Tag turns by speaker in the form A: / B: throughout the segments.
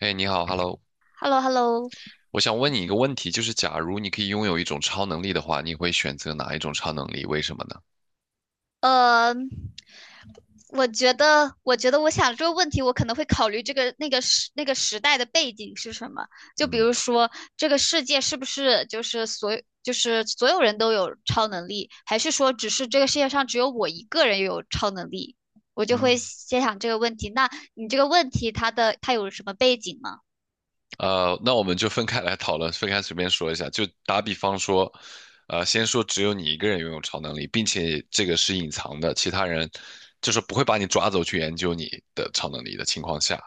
A: 哎，你好，Hello，
B: Hello Hello。
A: 我想问你一个问题，就是假如你可以拥有一种超能力的话，你会选择哪一种超能力？为什么呢？
B: 呃，我觉得我想这个问题，我可能会考虑这个那个时那个时代的背景是什么。就比
A: 嗯
B: 如说，这个世界是不是就是所有人都有超能力，还是说只是这个世界上只有我一个人有超能力？我就会
A: 嗯，
B: 先想这个问题。那你这个问题，它有什么背景吗？
A: 那我们就分开来讨论，分开随便说一下。就打比方说，先说只有你一个人拥有超能力，并且这个是隐藏的，其他人就是不会把你抓走去研究你的超能力的情况下，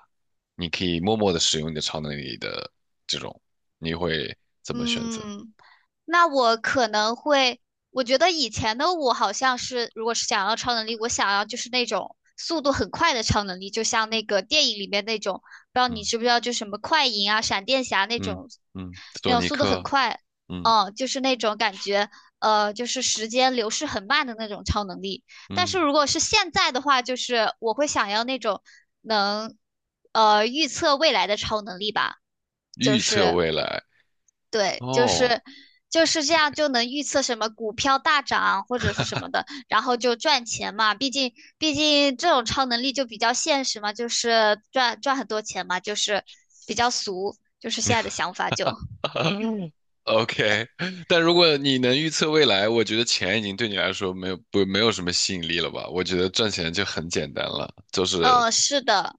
A: 你可以默默的使用你的超能力的这种，你会怎么选择？
B: 嗯，那我可能会，我觉得以前的我好像是，如果是想要超能力，我想要就是那种速度很快的超能力，就像那个电影里面那种，不知道你知不
A: 嗯
B: 知道，就什么快银啊、闪电侠那
A: 嗯
B: 种，
A: 嗯，
B: 那
A: 索
B: 种
A: 尼
B: 速度很
A: 克，
B: 快，
A: 嗯
B: 嗯，就是那种感觉，就是时间流逝很慢的那种超能力。但
A: 嗯。
B: 是如果是现在的话，就是我会想要那种能，预测未来的超能力吧。就
A: 预测
B: 是
A: 未来
B: 对，就
A: 哦
B: 是就是这样，就能预测什么股票大涨或者是什么的，然后就赚钱嘛。毕竟这种超能力就比较现实嘛，就是赚很多钱嘛，就是比较俗，就是现在的想法就，嗯
A: ，OK。但如果你能预测未来，我觉得钱已经对你来说没有什么吸引力了吧？我觉得赚钱就很简单了，就
B: 嗯，
A: 是
B: 是的，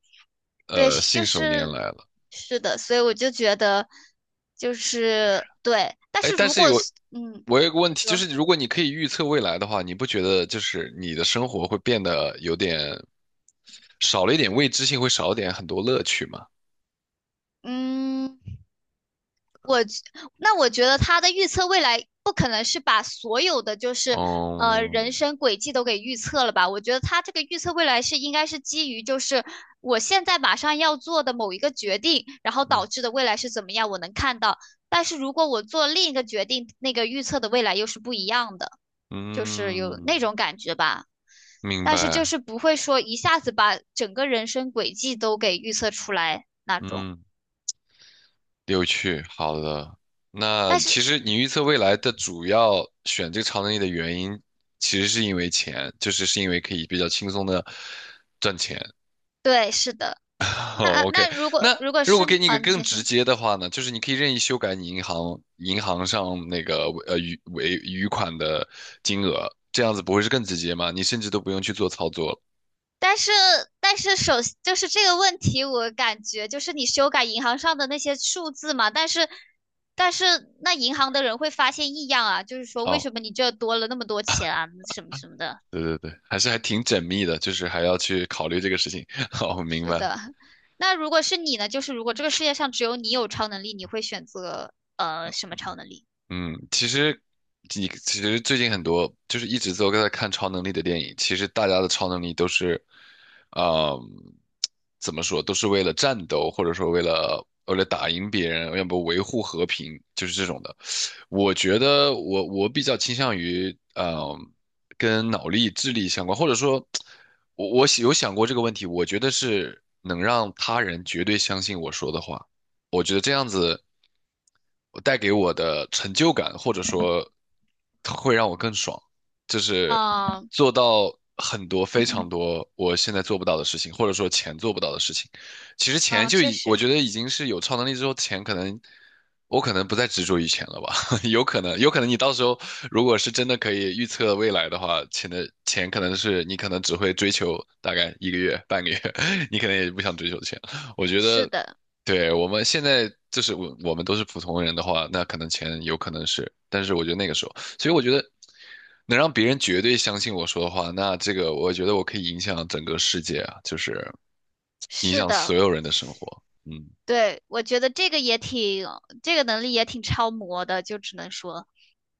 B: 对，是
A: 信
B: 就
A: 手拈
B: 是
A: 来了。
B: 是的，所以我就觉得就是对，但
A: 哎，
B: 是
A: 但
B: 如
A: 是
B: 果
A: 有
B: 是嗯
A: 我有个问题，就
B: 说
A: 是如果你可以预测未来的话，你不觉得就是你的生活会变得有点少了一点未知性，会少一点很多乐趣吗？
B: 嗯。我那我觉得他的预测未来不可能是把所有的就是
A: 哦。
B: 人生轨迹都给预测了吧？我觉得他这个预测未来是应该是基于就是我现在马上要做的某一个决定，然后
A: 嗯
B: 导致的未来是怎么样，我能看到。但是如果我做另一个决定，那个预测的未来又是不一样的，就是有那
A: 嗯，
B: 种感觉吧。
A: 明
B: 但是就
A: 白。
B: 是不会说一下子把整个人生轨迹都给预测出来那种。
A: 嗯。有趣，好的。那
B: 但
A: 其
B: 是
A: 实你预测未来的主要选这个超能力的原因，其实是因为钱，就是是因为可以比较轻松的赚钱。
B: 对，是的。那
A: 哦，OK。
B: 那如果
A: 那
B: 如果
A: 如果
B: 是
A: 给你一
B: 啊，
A: 个
B: 你
A: 更
B: 先
A: 直
B: 说。
A: 接的话呢，就是你可以任意修改你银行上那个余尾余款的金额，这样子不会是更直接吗？你甚至都不用去做操作了。
B: 但是但是就是这个问题，我感觉就是你修改银行上的那些数字嘛，但是但是那银行的人会发现异样啊，就是说为
A: 哦，
B: 什么你这多了那么多钱啊，什么什么的。
A: 对对对，还是还挺缜密的，就是还要去考虑这个事情。哦，明
B: 是
A: 白。
B: 的，那如果是你呢？就是如果这个世界上只有你有超能力，你会选择什么超能力？
A: 嗯，其实你其实最近很多就是一直都在看超能力的电影，其实大家的超能力都是，呃，怎么说，都是为了战斗，或者说为了打赢别人，要不维护和平，就是这种的。我觉得我比较倾向于，跟脑力、智力相关，或者说，我有想过这个问题，我觉得是能让他人绝对相信我说的话。我觉得这样子，我带给我的成就感，或者说会让我更爽，就是
B: 嗯
A: 做到很多非常多我现在做不到的事情，或者说钱做不到的事情。其实钱
B: 嗯，
A: 就
B: 确
A: 已，我
B: 实
A: 觉得已经是有超能力之后，钱可能我可能不再执着于钱了吧，有可能，有可能你到时候如果是真的可以预测未来的话，钱的钱可能是你可能只会追求大概一个月、半个月，你可能也不想追求钱。我觉
B: 是
A: 得
B: 的，
A: 对，我们现在就是我们都是普通人的话，那可能钱有可能是，但是我觉得那个时候，所以我觉得能让别人绝对相信我说的话，那这个我觉得我可以影响整个世界啊，就是影
B: 是
A: 响所
B: 的。
A: 有人的生活。嗯，
B: 对，我觉得这个也挺，这个能力也挺超模的，就只能说，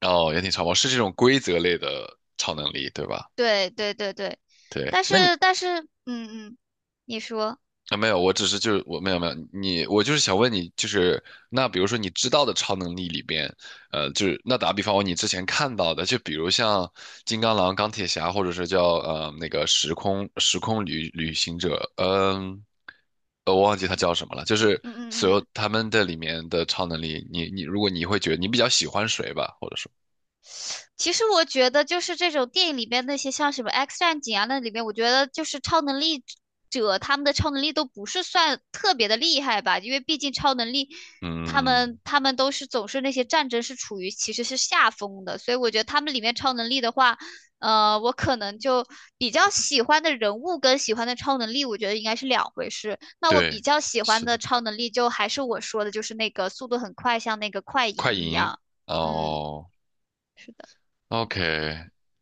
A: 哦，也挺超模是这种规则类的超能力，对吧？
B: 对对对对，
A: 对，
B: 但
A: 那你
B: 是但是，嗯嗯，你说，
A: 啊，没有，我只是就是我没有你，我就是想问你，就是那比如说你知道的超能力里边，就是那打比方，你之前看到的，就比如像金刚狼、钢铁侠，或者是叫那个时空旅行者，嗯、我忘记他叫什么了，就是
B: 嗯
A: 所有
B: 嗯嗯。
A: 他们的里面的超能力，你如果你会觉得你比较喜欢谁吧，或者说，
B: 其实我觉得，就是这种电影里边那些像什么《X 战警》啊，那里面我觉得就是超能力者他们的超能力都不是算特别的厉害吧，因为毕竟超能力他
A: 嗯，
B: 们他们都是总是那些战争是处于其实是下风的，所以我觉得他们里面超能力的话，我可能就比较喜欢的人物跟喜欢的超能力，我觉得应该是两回事。那我
A: 对，
B: 比较喜欢
A: 是
B: 的
A: 的，
B: 超能力就还是我说的，就是那个速度很快，像那个快银
A: 快
B: 一
A: 银，
B: 样。嗯，
A: 哦。
B: 是的。
A: OK，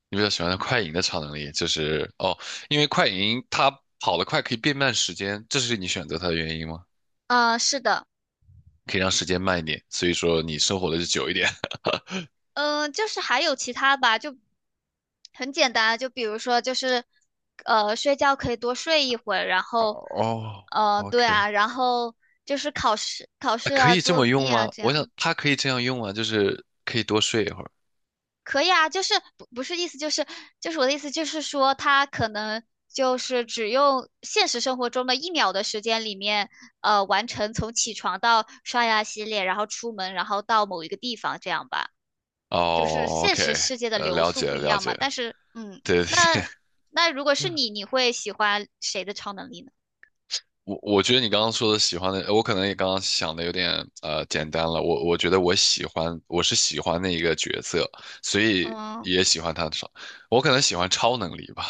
A: 你比较喜欢的快银的超能力就是哦，因为快银它跑得快可以变慢时间，这是你选择它的原因吗？
B: 是的，
A: 可以让时间慢一点，所以说你生活的就久一点。
B: 嗯、就是还有其他吧，就很简单啊，就比如说就是，睡觉可以多睡一会儿，然 后，
A: 哦
B: 对
A: ，OK，
B: 啊，然后就是考试、考
A: 啊
B: 试
A: 可
B: 啊、
A: 以这
B: 作
A: 么用
B: 弊啊
A: 吗？
B: 这
A: 我想
B: 样，
A: 它可以这样用啊，就是可以多睡一会儿。
B: 可以啊，就是不是意思就是我的意思就是说，他可能就是只用现实生活中的一秒的时间里面，完成从起床到刷牙洗脸，然后出门，然后到某一个地方这样吧。就是
A: 哦
B: 现实
A: ，OK，
B: 世界的流
A: 了
B: 速
A: 解
B: 不
A: 了，
B: 一
A: 了
B: 样
A: 解
B: 嘛。
A: 了，
B: 但是，嗯，
A: 对对
B: 那那如果
A: 对，
B: 是 你，你会喜欢谁的超能力呢？
A: 我觉得你刚刚说的喜欢的，我可能也刚刚想的有点简单了。我觉得我喜欢，我是喜欢那一个角色，所以
B: 嗯，
A: 也喜欢他的超。我可能喜欢超能力吧，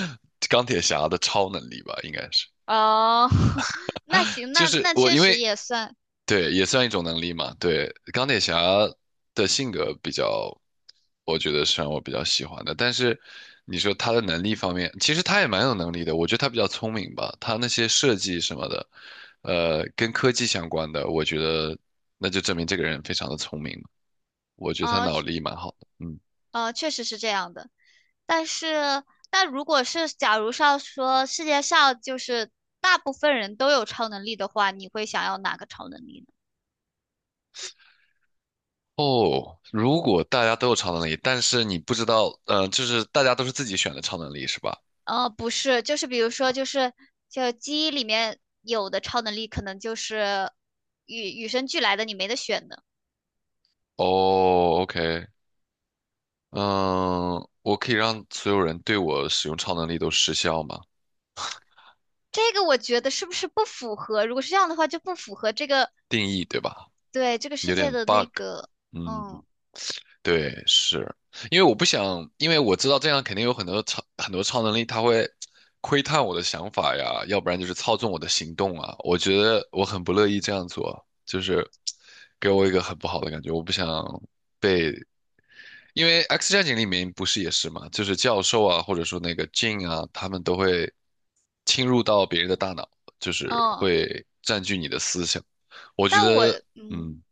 A: 钢铁侠的超能力吧，应该是。
B: 哦，那行，
A: 就
B: 那
A: 是
B: 那
A: 我
B: 确
A: 因
B: 实
A: 为
B: 也算，
A: 对，也算一种能力嘛。对，钢铁侠的性格比较，我觉得是让我比较喜欢的。但是你说他的能力方面，其实他也蛮有能力的。我觉得他比较聪明吧，他那些设计什么的，跟科技相关的，我觉得那就证明这个人非常的聪明嘛。我觉得他
B: 哦，
A: 脑力蛮好的。嗯，
B: 确实是这样的。但是，那如果是假如上说世界上就是大部分人都有超能力的话，你会想要哪个超能力呢？
A: 哦，如果大家都有超能力，但是你不知道，就是大家都是自己选的超能力是吧？
B: 不是，就是比如说，就基因里面有的超能力，可能就是与生俱来的，你没得选的。
A: 哦，OK，嗯，我可以让所有人对我使用超能力都失效吗？
B: 这个我觉得是不是不符合？如果是这样的话，就不符合这个，
A: 定义对吧？
B: 对，这个世
A: 有
B: 界
A: 点
B: 的那
A: bug。
B: 个，
A: 嗯，
B: 嗯
A: 对，是因为我不想，因为我知道这样肯定有很多超能力，它会窥探我的想法呀，要不然就是操纵我的行动啊。我觉得我很不乐意这样做，就是给我一个很不好的感觉，我不想。被。因为《X 战警》里面不是也是嘛，就是教授啊，或者说那个 Jean 啊，他们都会侵入到别人的大脑，就是
B: 嗯。
A: 会占据你的思想。我觉
B: 但我
A: 得，嗯，
B: 嗯，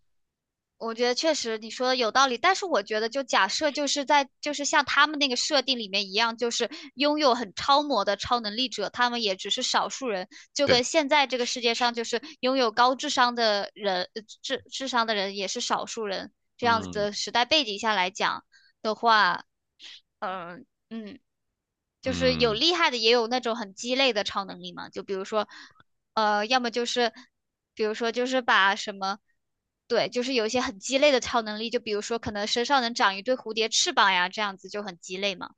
B: 我觉得确实你说的有道理，但是我觉得就假设就是在就是像他们那个设定里面一样，就是拥有很超模的超能力者，他们也只是少数人，就
A: 对，
B: 跟现在这个世界上就是拥有高智商的人，智商的人也是少数人，这样子
A: 嗯
B: 的时代背景下来讲的话，嗯。就是有
A: 嗯，
B: 厉害的，也有那种很鸡肋的超能力嘛。就比如说，要么就是，比如说就是把什么，对，就是有一些很鸡肋的超能力，就比如说可能身上能长一对蝴蝶翅膀呀，这样子就很鸡肋嘛。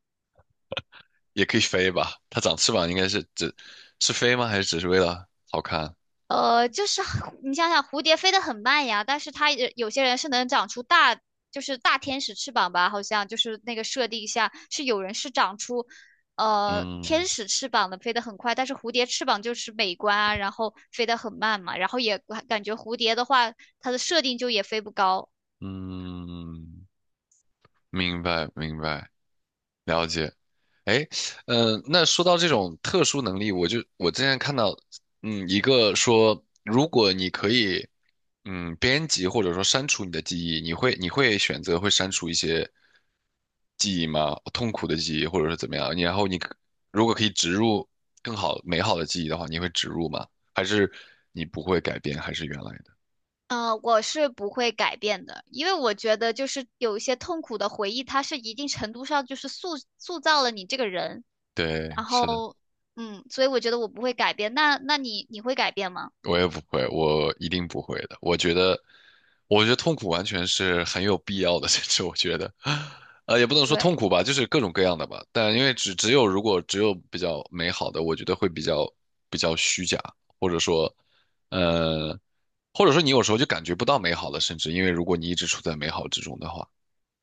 A: 也可以飞吧？它长翅膀应该是只是飞吗？还是只是为了好看？
B: 就是你想想，蝴蝶飞得很慢呀，但是它也有些人是能长出大，就是大天使翅膀吧，好像就是那个设定下是有人是长出，天
A: 嗯
B: 使翅膀的，飞得很快，但是蝴蝶翅膀就是美观啊，然后飞得很慢嘛，然后也感觉蝴蝶的话，它的设定就也飞不高。
A: 嗯，明白明白。了解，哎，嗯、那说到这种特殊能力，我就我之前看到，嗯，一个说，如果你可以，嗯，编辑或者说删除你的记忆，你会选择会删除一些记忆吗？痛苦的记忆，或者是怎么样？你然后你可如果可以植入更好美好的记忆的话，你会植入吗？还是你不会改变，还是原来的？
B: 我是不会改变的，因为我觉得就是有一些痛苦的回忆，它是一定程度上就是塑造了你这个人。
A: 对，
B: 然
A: 是的。
B: 后，所以我觉得我不会改变。那你会改变吗？
A: 我也不会，我一定不会的。我觉得，我觉得痛苦完全是很有必要的，甚至我觉得，也不能说痛
B: 对，
A: 苦吧，就是各种各样的吧。但因为只有如果只有比较美好的，我觉得会比较虚假，或者说，呃，或者说你有时候就感觉不到美好了，甚至因为如果你一直处在美好之中的话，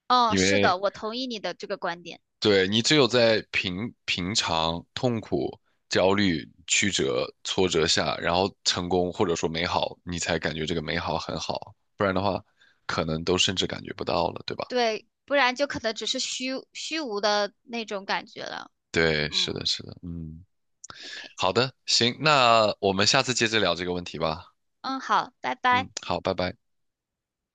B: 嗯，
A: 因
B: 是
A: 为
B: 的，我同意你的这个观点。
A: 对，你只有在平常、痛苦、焦虑、曲折、挫折下，然后成功或者说美好，你才感觉这个美好很好，不然的话，可能都甚至感觉不到了，对吧？
B: 对，不然就可能只是虚无的那种感觉了。
A: 对，是的，
B: 嗯
A: 是的，嗯，
B: ，OK，
A: 好的，行，那我们下次接着聊这个问题吧。
B: 嗯，好，拜拜。
A: 嗯，好，拜拜。